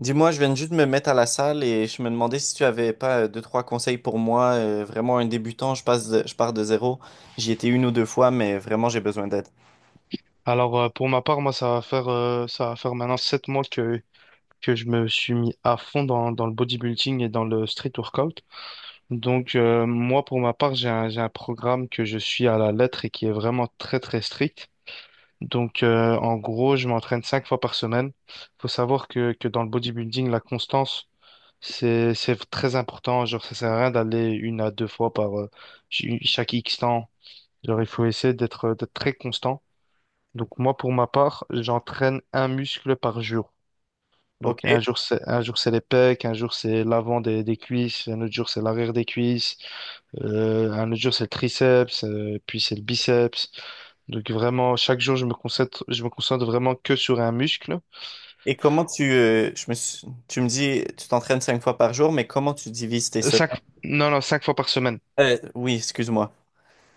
Dis-moi, je viens juste de juste me mettre à la salle et je me demandais si tu avais pas deux, trois conseils pour moi. Vraiment un débutant, je passe je pars de zéro. J'y étais une ou deux fois, mais vraiment j'ai besoin d'aide. Alors pour ma part, moi ça va faire maintenant 7 mois que je me suis mis à fond dans le bodybuilding et dans le street workout. Donc moi pour ma part, j'ai un programme que je suis à la lettre et qui est vraiment très très strict. Donc en gros, je m'entraîne 5 fois par semaine. Faut savoir que dans le bodybuilding, la constance c'est très important. Genre ça sert à rien d'aller une à deux fois par chaque X temps. Genre il faut essayer d'être très constant, donc moi, pour ma part, j'entraîne un muscle par jour. Ok. Donc un jour c'est les pecs, un jour c'est l'avant des cuisses, un autre jour c'est l'arrière des cuisses, un autre jour c'est le triceps, puis c'est le biceps. Donc vraiment chaque jour je me concentre vraiment que sur un muscle. Et comment tu, je me suis- tu me dis, tu t'entraînes cinq fois par jour, mais comment tu divises tes Cinq semaines? non non cinq fois par semaine. Oui, excuse-moi.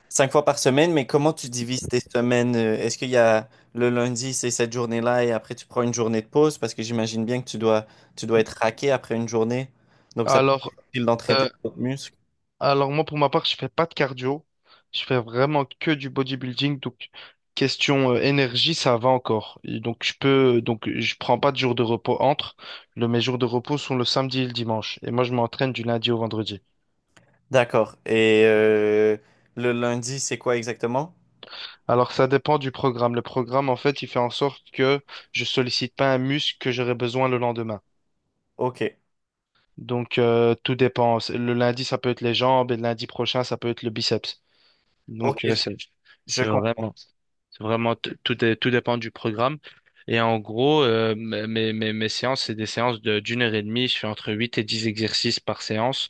Cinq fois par semaine, mais comment tu divises tes semaines? Est-ce qu'il y a le lundi, c'est cette journée-là et après tu prends une journée de pause parce que j'imagine bien que tu dois être raqué après une journée. Donc ça peut Alors être difficile d'entraîner tes euh, autres muscles. Alors, moi, pour ma part, je fais pas de cardio. Je fais vraiment que du bodybuilding. Donc, question énergie, ça va encore. Et donc, je prends pas de jour de repos entre. Mes jours de repos sont le samedi et le dimanche. Et moi, je m'entraîne du lundi au vendredi. D'accord. Et le lundi, c'est quoi exactement? Alors, ça dépend du programme. Le programme, en fait, il fait en sorte que je sollicite pas un muscle que j'aurai besoin le lendemain. Ok. Donc, tout dépend. Le lundi, ça peut être les jambes et le lundi prochain, ça peut être le biceps. Ok, Donc, je c'est comprends. vraiment, c'est vraiment, t- tout est- tout dépend du programme. Et en gros, mes séances, c'est des séances d'1 h 30. Je fais entre 8 et 10 exercices par séance.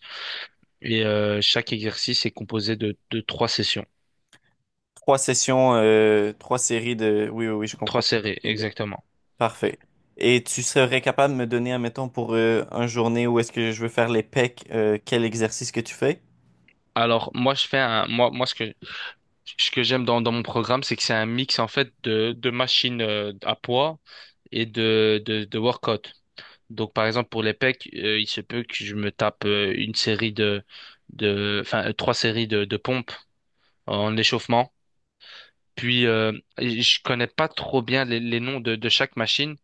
Et chaque exercice est composé de trois sessions, Trois sessions, trois séries. Oui, oui, oui, je trois comprends. séries, exactement. Parfait. Et tu serais capable de me donner, admettons, pour un journée où est-ce que je veux faire les pecs, quel exercice que tu fais? Alors, moi, je fais un, moi, moi, ce que j'aime dans mon programme, c'est que c'est un mix, en fait, de machines à poids et de workout. Donc, par exemple, pour les pecs, il se peut que je me tape une série de, enfin, trois séries de pompes en échauffement. Puis, je connais pas trop bien les noms de chaque machine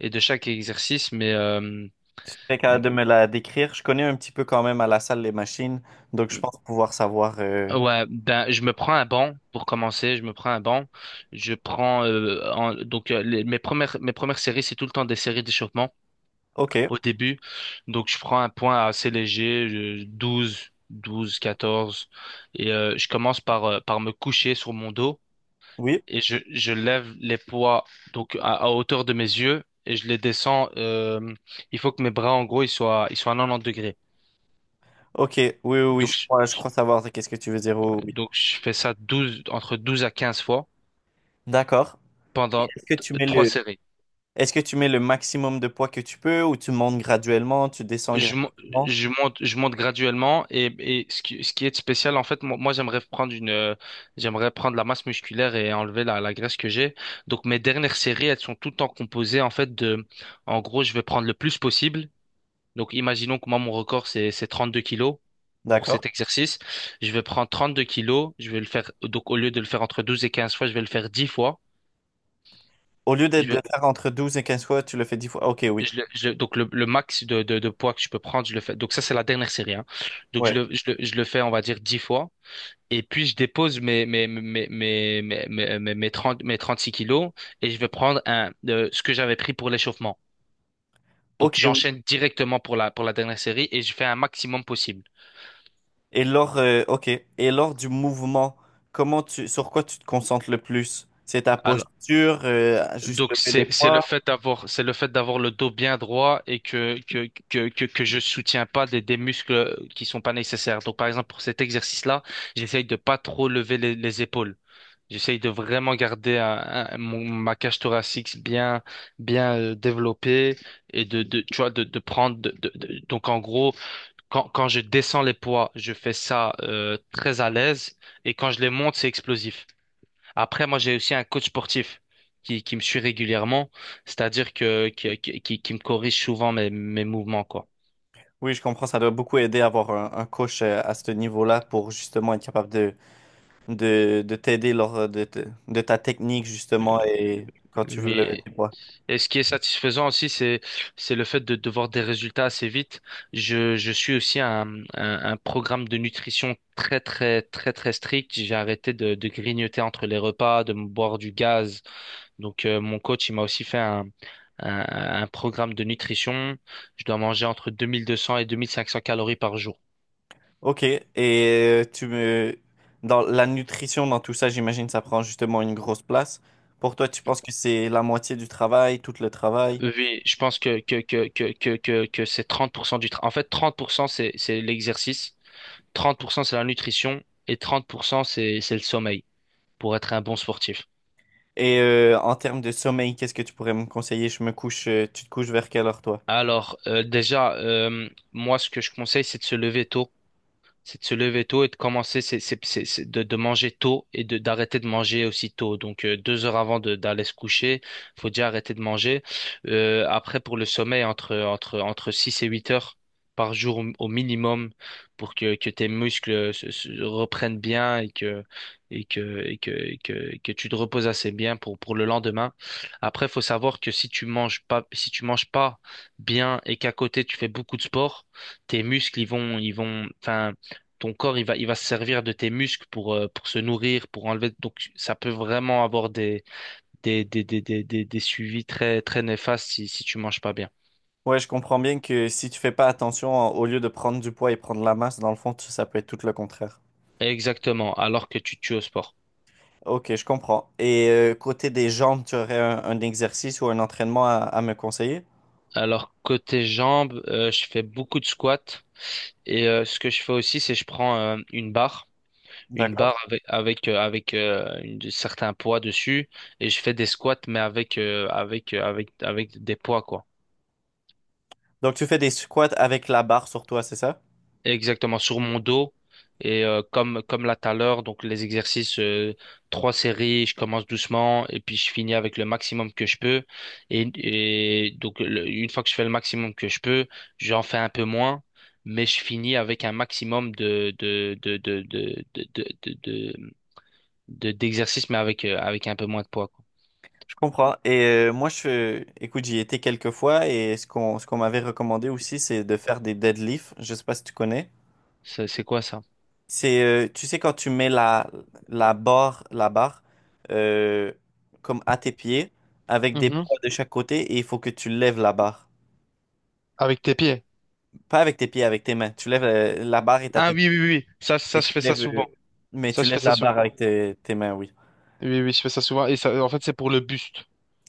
et de chaque exercice, mais Tu serais capable de me la décrire? Je connais un petit peu quand même à la salle les machines, donc je pense pouvoir savoir. ouais, ben, je me prends un banc pour commencer. Je me prends un banc. Je prends mes premières séries, c'est tout le temps des séries d'échauffement Ok, au début. Donc, je prends un point assez léger, 12, 12, 14, et je commence par me coucher sur mon dos oui. et je lève les poids donc à hauteur de mes yeux et je les descends. Il faut que mes bras, en gros, ils soient à 90 degrés. Ok, oui, oui, oui, Donc, je crois, je crois savoir qu'est-ce que tu veux dire. Oui. Oui. donc, je fais ça 12, entre 12 à 15 fois D'accord. pendant Est-ce que tu mets 3 le... séries. Est-ce que tu mets le maximum de poids que tu peux ou tu montes graduellement, tu descends Je, mo- graduellement? je monte graduellement, et ce qui est spécial, en fait, moi, j'aimerais prendre la masse musculaire et enlever la graisse que j'ai. Donc, mes dernières séries, elles sont tout le temps composées, en fait, en gros, je vais prendre le plus possible. Donc, imaginons que moi, mon record, c'est 32 kilos pour D'accord. cet exercice. Je vais prendre 32 kilos. Je vais le faire, donc, au lieu de le faire entre 12 et 15 fois, je vais le faire 10 fois. Au lieu d'être de faire entre 12 et 15 fois, tu le fais 10 fois. Ok, oui. Donc le max de poids que je peux prendre, je le fais. Donc ça, c'est la dernière série, hein. Donc je Ouais. le, je le, je le fais, on va dire, 10 fois. Et puis je dépose mes 30 mes 36 kilos et je vais prendre ce que j'avais pris pour l'échauffement. Ok, Donc oui. j'enchaîne directement pour la dernière série et je fais un maximum possible. Et lors, ok. Et lors du mouvement, sur quoi tu te concentres le plus? C'est ta posture, juste Donc lever les c'est c'est le poids. fait d'avoir c'est le fait d'avoir le dos bien droit et que je soutiens pas des muscles qui sont pas nécessaires. Donc par exemple pour cet exercice-là, j'essaye de pas trop lever les épaules. J'essaye de vraiment garder ma cage thoracique bien développée et de tu vois de prendre donc en gros quand je descends les poids, je fais ça très à l'aise, et quand je les monte, c'est explosif. Après, moi, j'ai aussi un coach sportif qui me suit régulièrement, c'est-à-dire que qui me corrige souvent mes mouvements, quoi. Oui, je comprends, ça doit beaucoup aider à avoir un coach à ce niveau-là pour justement être capable de t'aider lors de ta technique, justement, et quand tu veux Lui- lever tes poids. Et ce qui est satisfaisant aussi, c'est le fait de voir des résultats assez vite. Je suis aussi un programme de nutrition très très très très strict. J'ai arrêté de grignoter entre les repas, de me boire du gaz. Donc mon coach, il m'a aussi fait un, un programme de nutrition. Je dois manger entre 2200 et 2500 calories par jour. Ok. Dans la nutrition, dans tout ça, j'imagine ça prend justement une grosse place. Pour toi, tu penses que c'est la moitié du travail, tout le travail. Oui, je pense que c'est 30% du travail. En fait, 30% c'est l'exercice, 30% c'est la nutrition et 30% c'est le sommeil pour être un bon sportif. En termes de sommeil, qu'est-ce que tu pourrais me conseiller? Tu te couches vers quelle heure, toi? Alors, déjà, moi, ce que je conseille, c'est de se lever tôt. C'est de se lever tôt et de commencer, c'est de manger tôt et d'arrêter de manger aussi tôt. Donc, 2 heures avant d'aller se coucher, faut déjà arrêter de manger. Après, pour le sommeil, entre 6 et 8 heures par jour au minimum pour que tes muscles se reprennent bien et que, et que, et que, et que, que tu te reposes assez bien pour le lendemain. Après, faut savoir que si tu manges pas bien et qu'à côté tu fais beaucoup de sport, tes muscles, enfin, ton corps, il va se servir de tes muscles pour se nourrir, pour enlever. Donc, ça peut vraiment avoir des suivis très, très néfastes si tu manges pas bien. Ouais, je comprends bien que si tu fais pas attention, au lieu de prendre du poids et prendre la masse, dans le fond, ça peut être tout le contraire. Exactement, alors que tu te tues au sport. Ok, je comprends. Et côté des jambes, tu aurais un exercice ou un entraînement à me conseiller? Alors, côté jambes, je fais beaucoup de squats. Et ce que je fais aussi, c'est je prends une barre, une D'accord. barre certains poids dessus, et je fais des squats, mais avec des poids, quoi. Donc tu fais des squats avec la barre sur toi, c'est ça? Exactement, sur mon dos. Et comme là tout à l'heure, donc les exercices, trois séries, je commence doucement et puis je finis avec le maximum que je peux. Et donc, une fois que je fais le maximum que je peux, j'en fais un peu moins, mais je finis avec un maximum de d'exercices, mais avec un peu moins de poids, quoi. Je comprends. Et moi, je, écoute, j'y étais quelques fois et ce qu'on m'avait recommandé aussi, c'est de faire des deadlifts. Je sais pas si tu connais. Ça, c'est quoi ça? C'est, tu sais, quand tu mets la barre euh, comme à tes pieds avec des Mhm. poids de chaque côté et il faut que tu lèves la barre. Avec tes pieds. Pas avec tes pieds, avec tes mains. Tu lèves la barre est à Ah tes oui, oui, oui. Oui. Ça, ça, et je tu fais ça lèves souvent. Mais Ça, tu je fais lèves ça la souvent. barre avec tes mains, oui. Oui, oui, je fais ça souvent. Et ça, en fait, c'est pour le buste.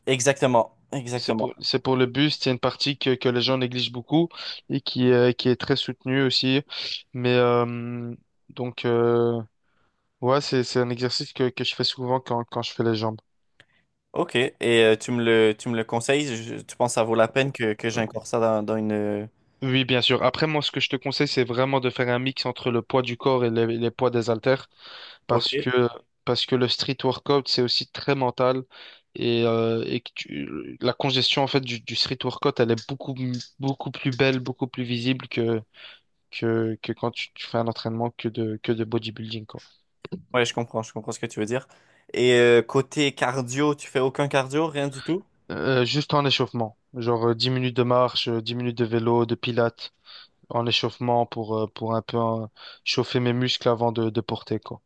Exactement, C'est exactement. pour, c'est pour le bus, il une partie que les gens négligent beaucoup et qui est très soutenue aussi. Mais donc, ouais, c'est un exercice que je fais souvent quand je fais les jambes. Ok, et tu me le conseilles? Tu penses que ça vaut la peine que Euh, j'incore ça dans, dans une... euh, Oui, bien sûr. Après, moi, ce que je te conseille, c'est vraiment de faire un mix entre le poids du corps et les poids des haltères, Ok. parce que, parce que le street workout, c'est aussi très mental et que la congestion, en fait, du street workout, elle est beaucoup, beaucoup plus belle, beaucoup plus visible que quand tu fais un entraînement que de bodybuilding, quoi. Ouais, je comprends ce que tu veux dire. Et côté cardio, tu fais aucun cardio, rien du tout? Juste en échauffement, genre 10 minutes de marche, 10 minutes de vélo, de pilates, en échauffement pour un peu chauffer mes muscles avant de porter, quoi.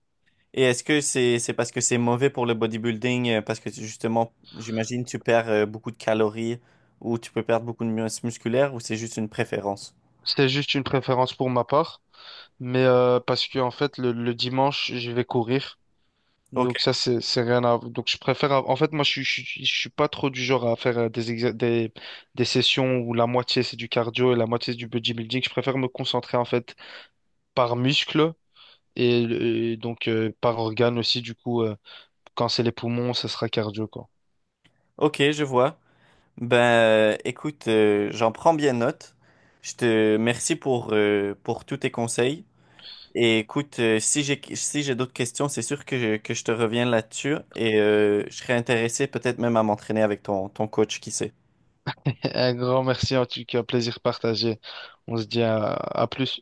Et est-ce que c'est parce que c'est mauvais pour le bodybuilding, parce que justement, j'imagine, tu perds beaucoup de calories ou tu peux perdre beaucoup de masse musculaire ou c'est juste une préférence? C'est juste une préférence pour ma part, mais parce que en fait, le dimanche, je vais courir. Ok, Donc ça, c'est rien à. Donc je préfère. En fait, moi, je suis pas trop du genre à faire des sessions où la moitié, c'est du cardio et la moitié, c'est du bodybuilding. Je préfère me concentrer, en fait, par muscle. Et, donc, par organe aussi, du coup, quand c'est les poumons, ce sera cardio, quoi. ok, je vois. Ben, écoute, j'en prends bien note. Je te merci pour tous tes conseils. Et écoute, si j'ai d'autres questions, c'est sûr que que je te reviens là-dessus et je serais intéressé peut-être même à m'entraîner avec ton coach, qui sait. Un grand merci, en tout cas, plaisir partagé. On se dit à plus.